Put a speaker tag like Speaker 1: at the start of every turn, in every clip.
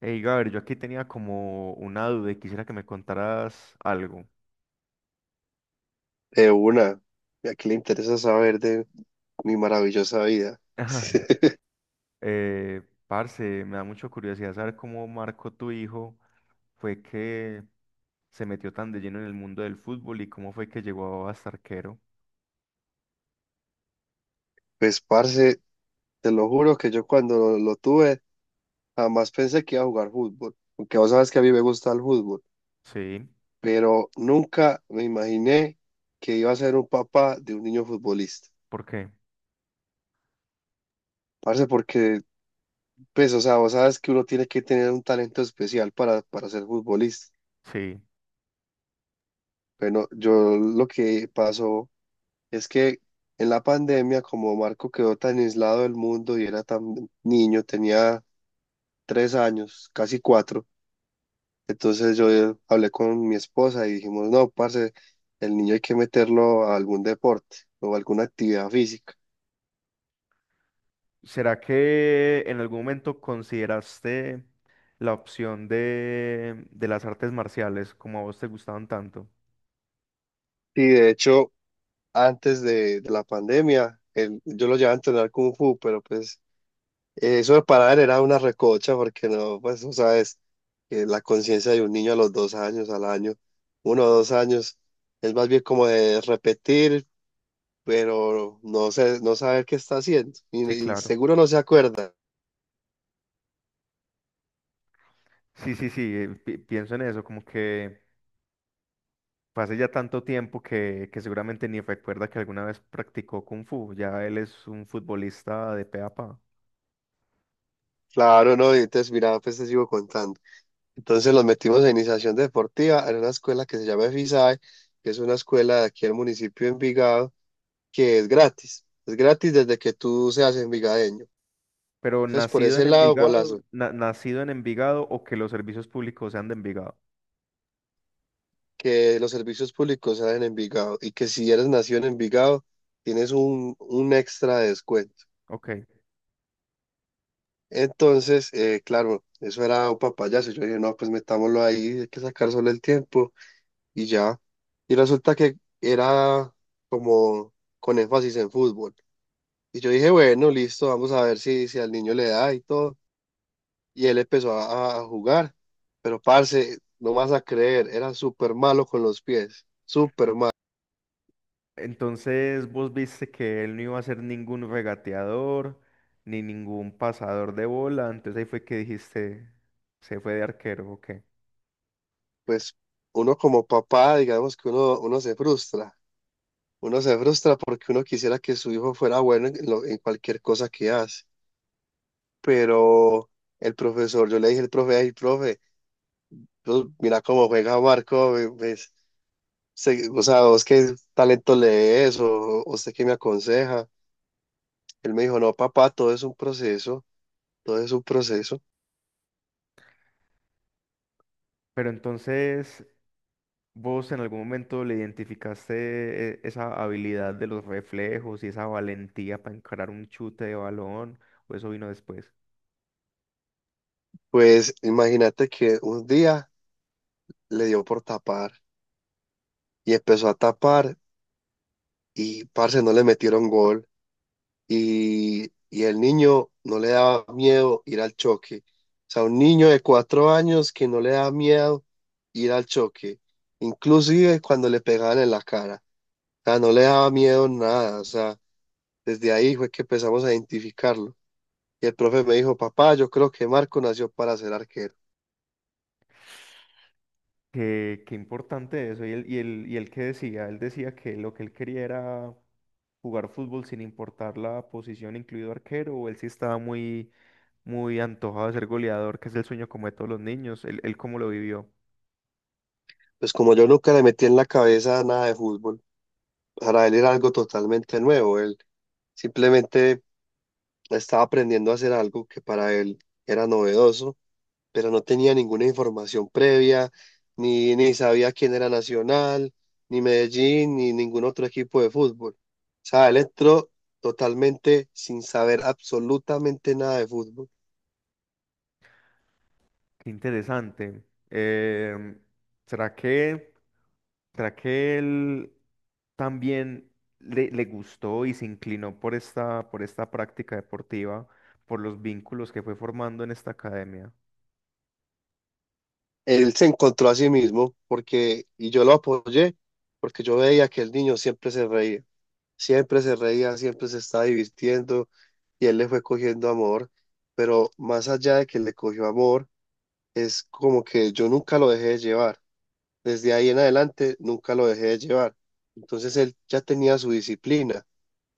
Speaker 1: Hey, Gabriel, yo aquí tenía como una duda y quisiera que me contaras algo.
Speaker 2: De una, ya que le interesa saber de mi maravillosa vida.
Speaker 1: Ajá. Parce, me da mucha curiosidad saber cómo Marco, tu hijo, fue que se metió tan de lleno en el mundo del fútbol y cómo fue que llegó a ser arquero.
Speaker 2: Pues, parce, te lo juro que yo cuando lo tuve, jamás pensé que iba a jugar fútbol. Aunque vos sabes que a mí me gusta el fútbol,
Speaker 1: Sí,
Speaker 2: pero nunca me imaginé que iba a ser un papá de un niño futbolista.
Speaker 1: ¿por qué?
Speaker 2: Parce, porque, pues, o sea, vos sabes que uno tiene que tener un talento especial para ser futbolista.
Speaker 1: Sí.
Speaker 2: Bueno, yo lo que pasó. Es que en la pandemia, como Marco quedó tan aislado del mundo y era tan niño, tenía 3 años, casi 4, entonces yo hablé con mi esposa y dijimos, no, parce, el niño hay que meterlo a algún deporte o alguna actividad física.
Speaker 1: ¿Será que en algún momento consideraste la opción de las artes marciales como a vos te gustaban tanto?
Speaker 2: Y de hecho, antes de la pandemia, yo lo llevaba a entrenar Kung Fu, pero pues eso de parar era una recocha porque no, pues tú sabes que la conciencia de un niño a los 2 años, al año, uno o dos años, es más bien como de repetir, pero no sé, no saber qué está haciendo
Speaker 1: Sí,
Speaker 2: y
Speaker 1: claro.
Speaker 2: seguro no se acuerda.
Speaker 1: Sí, sí, sí, pienso en eso, como que fue hace ya tanto tiempo que seguramente ni recuerda que alguna vez practicó Kung Fu. Ya él es un futbolista de pe a pa.
Speaker 2: Claro, no, y entonces mira, pues te sigo contando. Entonces los metimos en iniciación deportiva en una escuela que se llama EFISAE, que es una escuela de aquí del municipio de Envigado, que es gratis. Es gratis desde que tú seas envigadeño.
Speaker 1: Pero
Speaker 2: Entonces por
Speaker 1: nacido
Speaker 2: ese
Speaker 1: en
Speaker 2: lado,
Speaker 1: Envigado,
Speaker 2: golazo.
Speaker 1: nacido en Envigado, o que los servicios públicos sean de Envigado.
Speaker 2: Que los servicios públicos salen en Envigado y que si eres nacido en Envigado, tienes un extra de descuento.
Speaker 1: Ok.
Speaker 2: Entonces, claro, eso era un papayazo. Yo dije, no, pues metámoslo ahí, hay que sacar solo el tiempo y ya. Y resulta que era como con énfasis en fútbol. Y yo dije, bueno, listo, vamos a ver si, si al niño le da y todo. Y él empezó a jugar. Pero, parce, no vas a creer, era súper malo con los pies, súper malo.
Speaker 1: Entonces vos viste que él no iba a ser ningún regateador ni ningún pasador de bola. Entonces ahí fue que dijiste, se fue de arquero, ok.
Speaker 2: Pues uno como papá, digamos que uno, uno se frustra porque uno quisiera que su hijo fuera bueno en, en cualquier cosa que hace, pero el profesor, yo le dije al profe, ay, profe, pues, mira cómo juega Marco, pues, o sea, vos qué talento lees o usted qué me aconseja. Él me dijo, no, papá, todo es un proceso, todo es un proceso.
Speaker 1: Pero entonces, ¿vos en algún momento le identificaste esa habilidad de los reflejos y esa valentía para encarar un chute de balón? ¿O eso vino después?
Speaker 2: Pues imagínate que un día le dio por tapar y empezó a tapar y, parce, no le metieron gol. Y, y el niño no le daba miedo ir al choque. O sea, un niño de 4 años que no le da miedo ir al choque, inclusive cuando le pegaban en la cara. O sea, no le daba miedo nada. O sea, desde ahí fue que empezamos a identificarlo. Y el profe me dijo, papá, yo creo que Marco nació para ser arquero.
Speaker 1: Qué, qué importante eso. Y el qué decía, él decía que lo que él quería era jugar fútbol sin importar la posición, incluido arquero, o él sí estaba muy, muy antojado de ser goleador, que es el sueño como de todos los niños. Él cómo lo vivió.
Speaker 2: Pues como yo nunca le metí en la cabeza nada de fútbol, para él era algo totalmente nuevo. Él simplemente estaba aprendiendo a hacer algo que para él era novedoso. Pero no tenía ninguna información previa, ni sabía quién era Nacional, ni Medellín, ni ningún otro equipo de fútbol. O sea, él entró totalmente sin saber absolutamente nada de fútbol.
Speaker 1: Qué interesante. Em, ¿Será que... ¿será que él también le gustó y se inclinó por esta práctica deportiva, por los vínculos que fue formando en esta academia?
Speaker 2: Él se encontró a sí mismo porque, y yo lo apoyé, porque yo veía que el niño siempre se reía, siempre se reía, siempre se estaba divirtiendo y él le fue cogiendo amor, pero más allá de que le cogió amor, es como que yo nunca lo dejé de llevar. Desde ahí en adelante nunca lo dejé de llevar. Entonces él ya tenía su disciplina,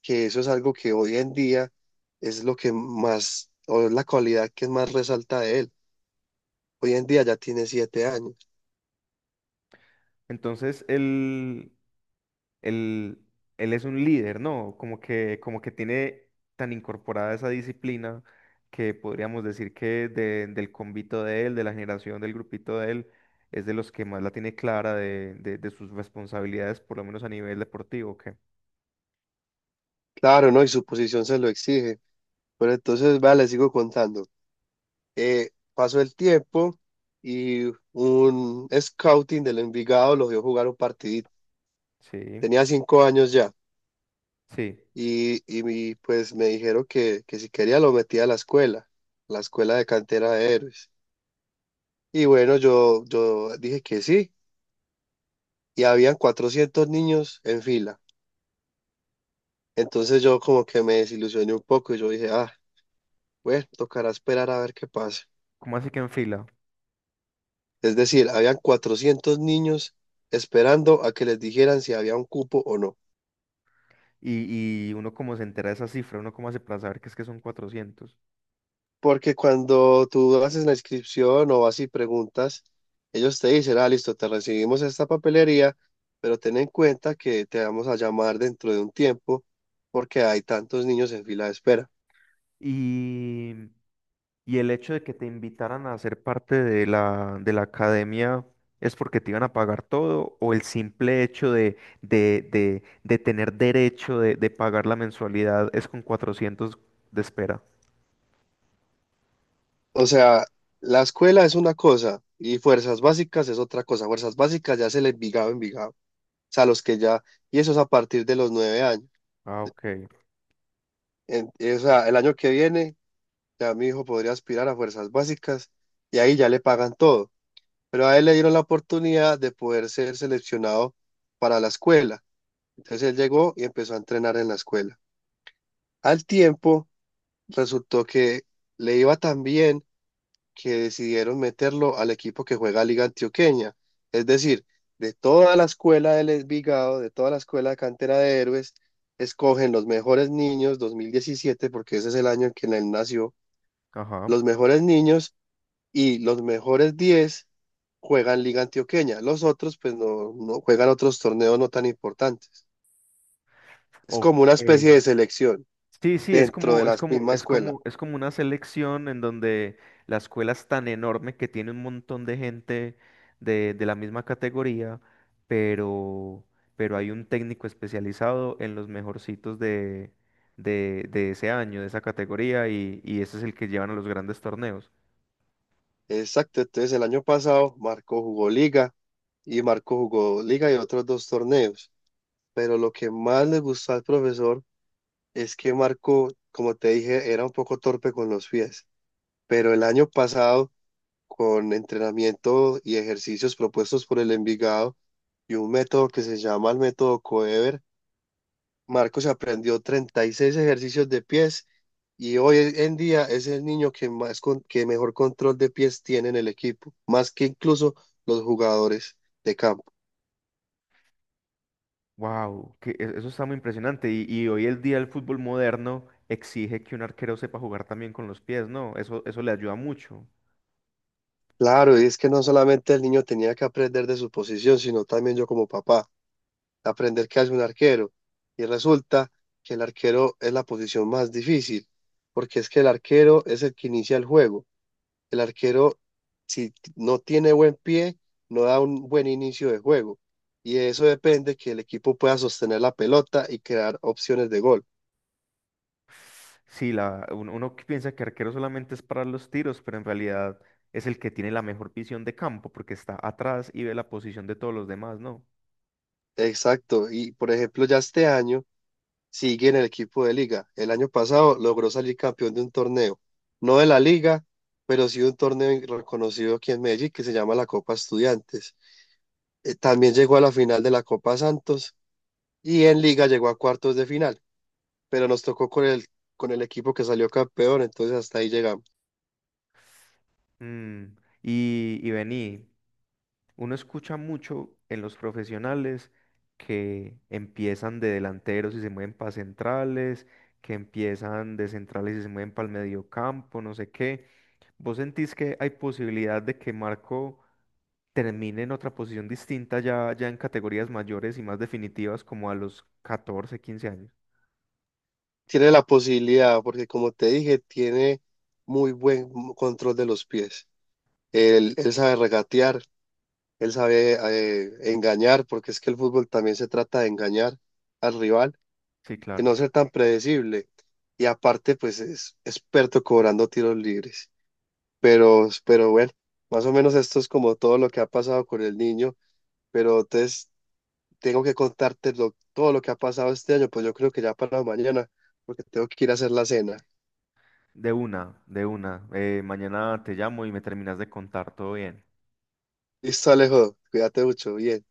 Speaker 2: que eso es algo que hoy en día es lo que más, o es la cualidad que más resalta de él. Hoy en día ya tiene 7 años.
Speaker 1: Entonces, él, él es un líder, ¿no? Como que tiene tan incorporada esa disciplina que podríamos decir que del convito de él, de la generación del grupito de él, es de los que más la tiene clara de, de sus responsabilidades, por lo menos a nivel deportivo, que
Speaker 2: Claro, ¿no? Y su posición se lo exige. Pero entonces, vale, le sigo contando. Pasó el tiempo y un scouting del Envigado lo vio jugar un partidito.
Speaker 1: sí,
Speaker 2: Tenía 5 años ya.
Speaker 1: sí.
Speaker 2: Y pues me dijeron que si quería lo metía a la escuela de cantera de héroes. Y bueno, yo dije que sí, y habían 400 niños en fila. Entonces yo como que me desilusioné un poco y yo dije, ah, bueno, tocará esperar a ver qué pasa.
Speaker 1: ¿Cómo así que en fila?
Speaker 2: Es decir, habían 400 niños esperando a que les dijeran si había un cupo o no.
Speaker 1: Y uno como se entera de esa cifra, uno como hace para saber que es que son 400.
Speaker 2: Porque cuando tú haces la inscripción o vas y preguntas, ellos te dicen, ah, listo, te recibimos esta papelería, pero ten en cuenta que te vamos a llamar dentro de un tiempo porque hay tantos niños en fila de espera.
Speaker 1: Y, y el hecho de que te invitaran a ser parte de la academia es porque te iban a pagar todo, o el simple hecho de tener derecho de pagar la mensualidad es con 400 de espera.
Speaker 2: O sea, la escuela es una cosa y fuerzas básicas es otra cosa. Fuerzas básicas ya es el Envigado, Envigado. O sea, los que ya, y eso es a partir de los 9 años.
Speaker 1: Ah, ok.
Speaker 2: O sea, el año que viene ya mi hijo podría aspirar a fuerzas básicas y ahí ya le pagan todo. Pero a él le dieron la oportunidad de poder ser seleccionado para la escuela. Entonces él llegó y empezó a entrenar en la escuela. Al tiempo, resultó que le iba tan bien que decidieron meterlo al equipo que juega Liga Antioqueña. Es decir, de toda la escuela del Envigado, de toda la escuela de cantera de héroes, escogen los mejores niños, 2017, porque ese es el año en que él nació,
Speaker 1: Ajá.
Speaker 2: los mejores niños y los mejores 10 juegan Liga Antioqueña. Los otros, pues, no, no juegan otros torneos no tan importantes. Es como una
Speaker 1: Ok.
Speaker 2: especie de selección
Speaker 1: Sí, sí, es
Speaker 2: dentro de
Speaker 1: como, es
Speaker 2: la
Speaker 1: como,
Speaker 2: misma
Speaker 1: es
Speaker 2: escuela.
Speaker 1: como, es como una selección en donde la escuela es tan enorme que tiene un montón de gente de la misma categoría, pero, pero hay un técnico especializado en los mejorcitos de ese año, de esa categoría, y ese es el que llevan a los grandes torneos.
Speaker 2: Exacto, entonces el año pasado Marco jugó Liga y Marco jugó Liga y otros dos torneos. Pero lo que más le gustó al profesor es que Marco, como te dije, era un poco torpe con los pies. Pero el año pasado, con entrenamiento y ejercicios propuestos por el Envigado, y un método que se llama el método Coever. Marcos aprendió 36 ejercicios de pies y hoy en día es el niño que más que mejor control de pies tiene en el equipo, más que incluso los jugadores de campo.
Speaker 1: Wow, eso está muy impresionante. Y hoy el día el fútbol moderno exige que un arquero sepa jugar también con los pies, ¿no? Eso le ayuda mucho.
Speaker 2: Claro, y es que no solamente el niño tenía que aprender de su posición, sino también yo como papá, aprender qué hace un arquero. Y resulta que el arquero es la posición más difícil, porque es que el arquero es el que inicia el juego. El arquero si no tiene buen pie, no da un buen inicio de juego. Y de eso depende que el equipo pueda sostener la pelota y crear opciones de gol.
Speaker 1: Sí, uno que piensa que arquero solamente es para los tiros, pero en realidad es el que tiene la mejor visión de campo porque está atrás y ve la posición de todos los demás, ¿no?
Speaker 2: Exacto. Y por ejemplo, ya este año sigue en el equipo de liga. El año pasado logró salir campeón de un torneo, no de la liga, pero sí de un torneo reconocido aquí en Medellín que se llama la Copa Estudiantes. También llegó a la final de la Copa Santos y en liga llegó a cuartos de final, pero nos tocó con el equipo que salió campeón, entonces hasta ahí llegamos.
Speaker 1: Mm, y vení, uno escucha mucho en los profesionales que empiezan de delanteros y se mueven para centrales, que empiezan de centrales y se mueven para el mediocampo, no sé qué. ¿Vos sentís que hay posibilidad de que Marco termine en otra posición distinta ya, ya en categorías mayores y más definitivas como a los 14, 15 años?
Speaker 2: Tiene la posibilidad, porque como te dije, tiene muy buen control de los pies. Él sabe regatear, él sabe engañar, porque es que el fútbol también se trata de engañar al rival,
Speaker 1: Sí,
Speaker 2: de
Speaker 1: claro.
Speaker 2: no ser tan predecible. Y aparte, pues es experto cobrando tiros libres. Pero bueno, más o menos esto es como todo lo que ha pasado con el niño. Pero entonces tengo que contarte todo lo que ha pasado este año, pues yo creo que ya para mañana, porque tengo que ir a hacer la cena.
Speaker 1: De una, de una. Mañana te llamo y me terminas de contar todo bien.
Speaker 2: Listo, Alejo. Cuídate mucho. Bien.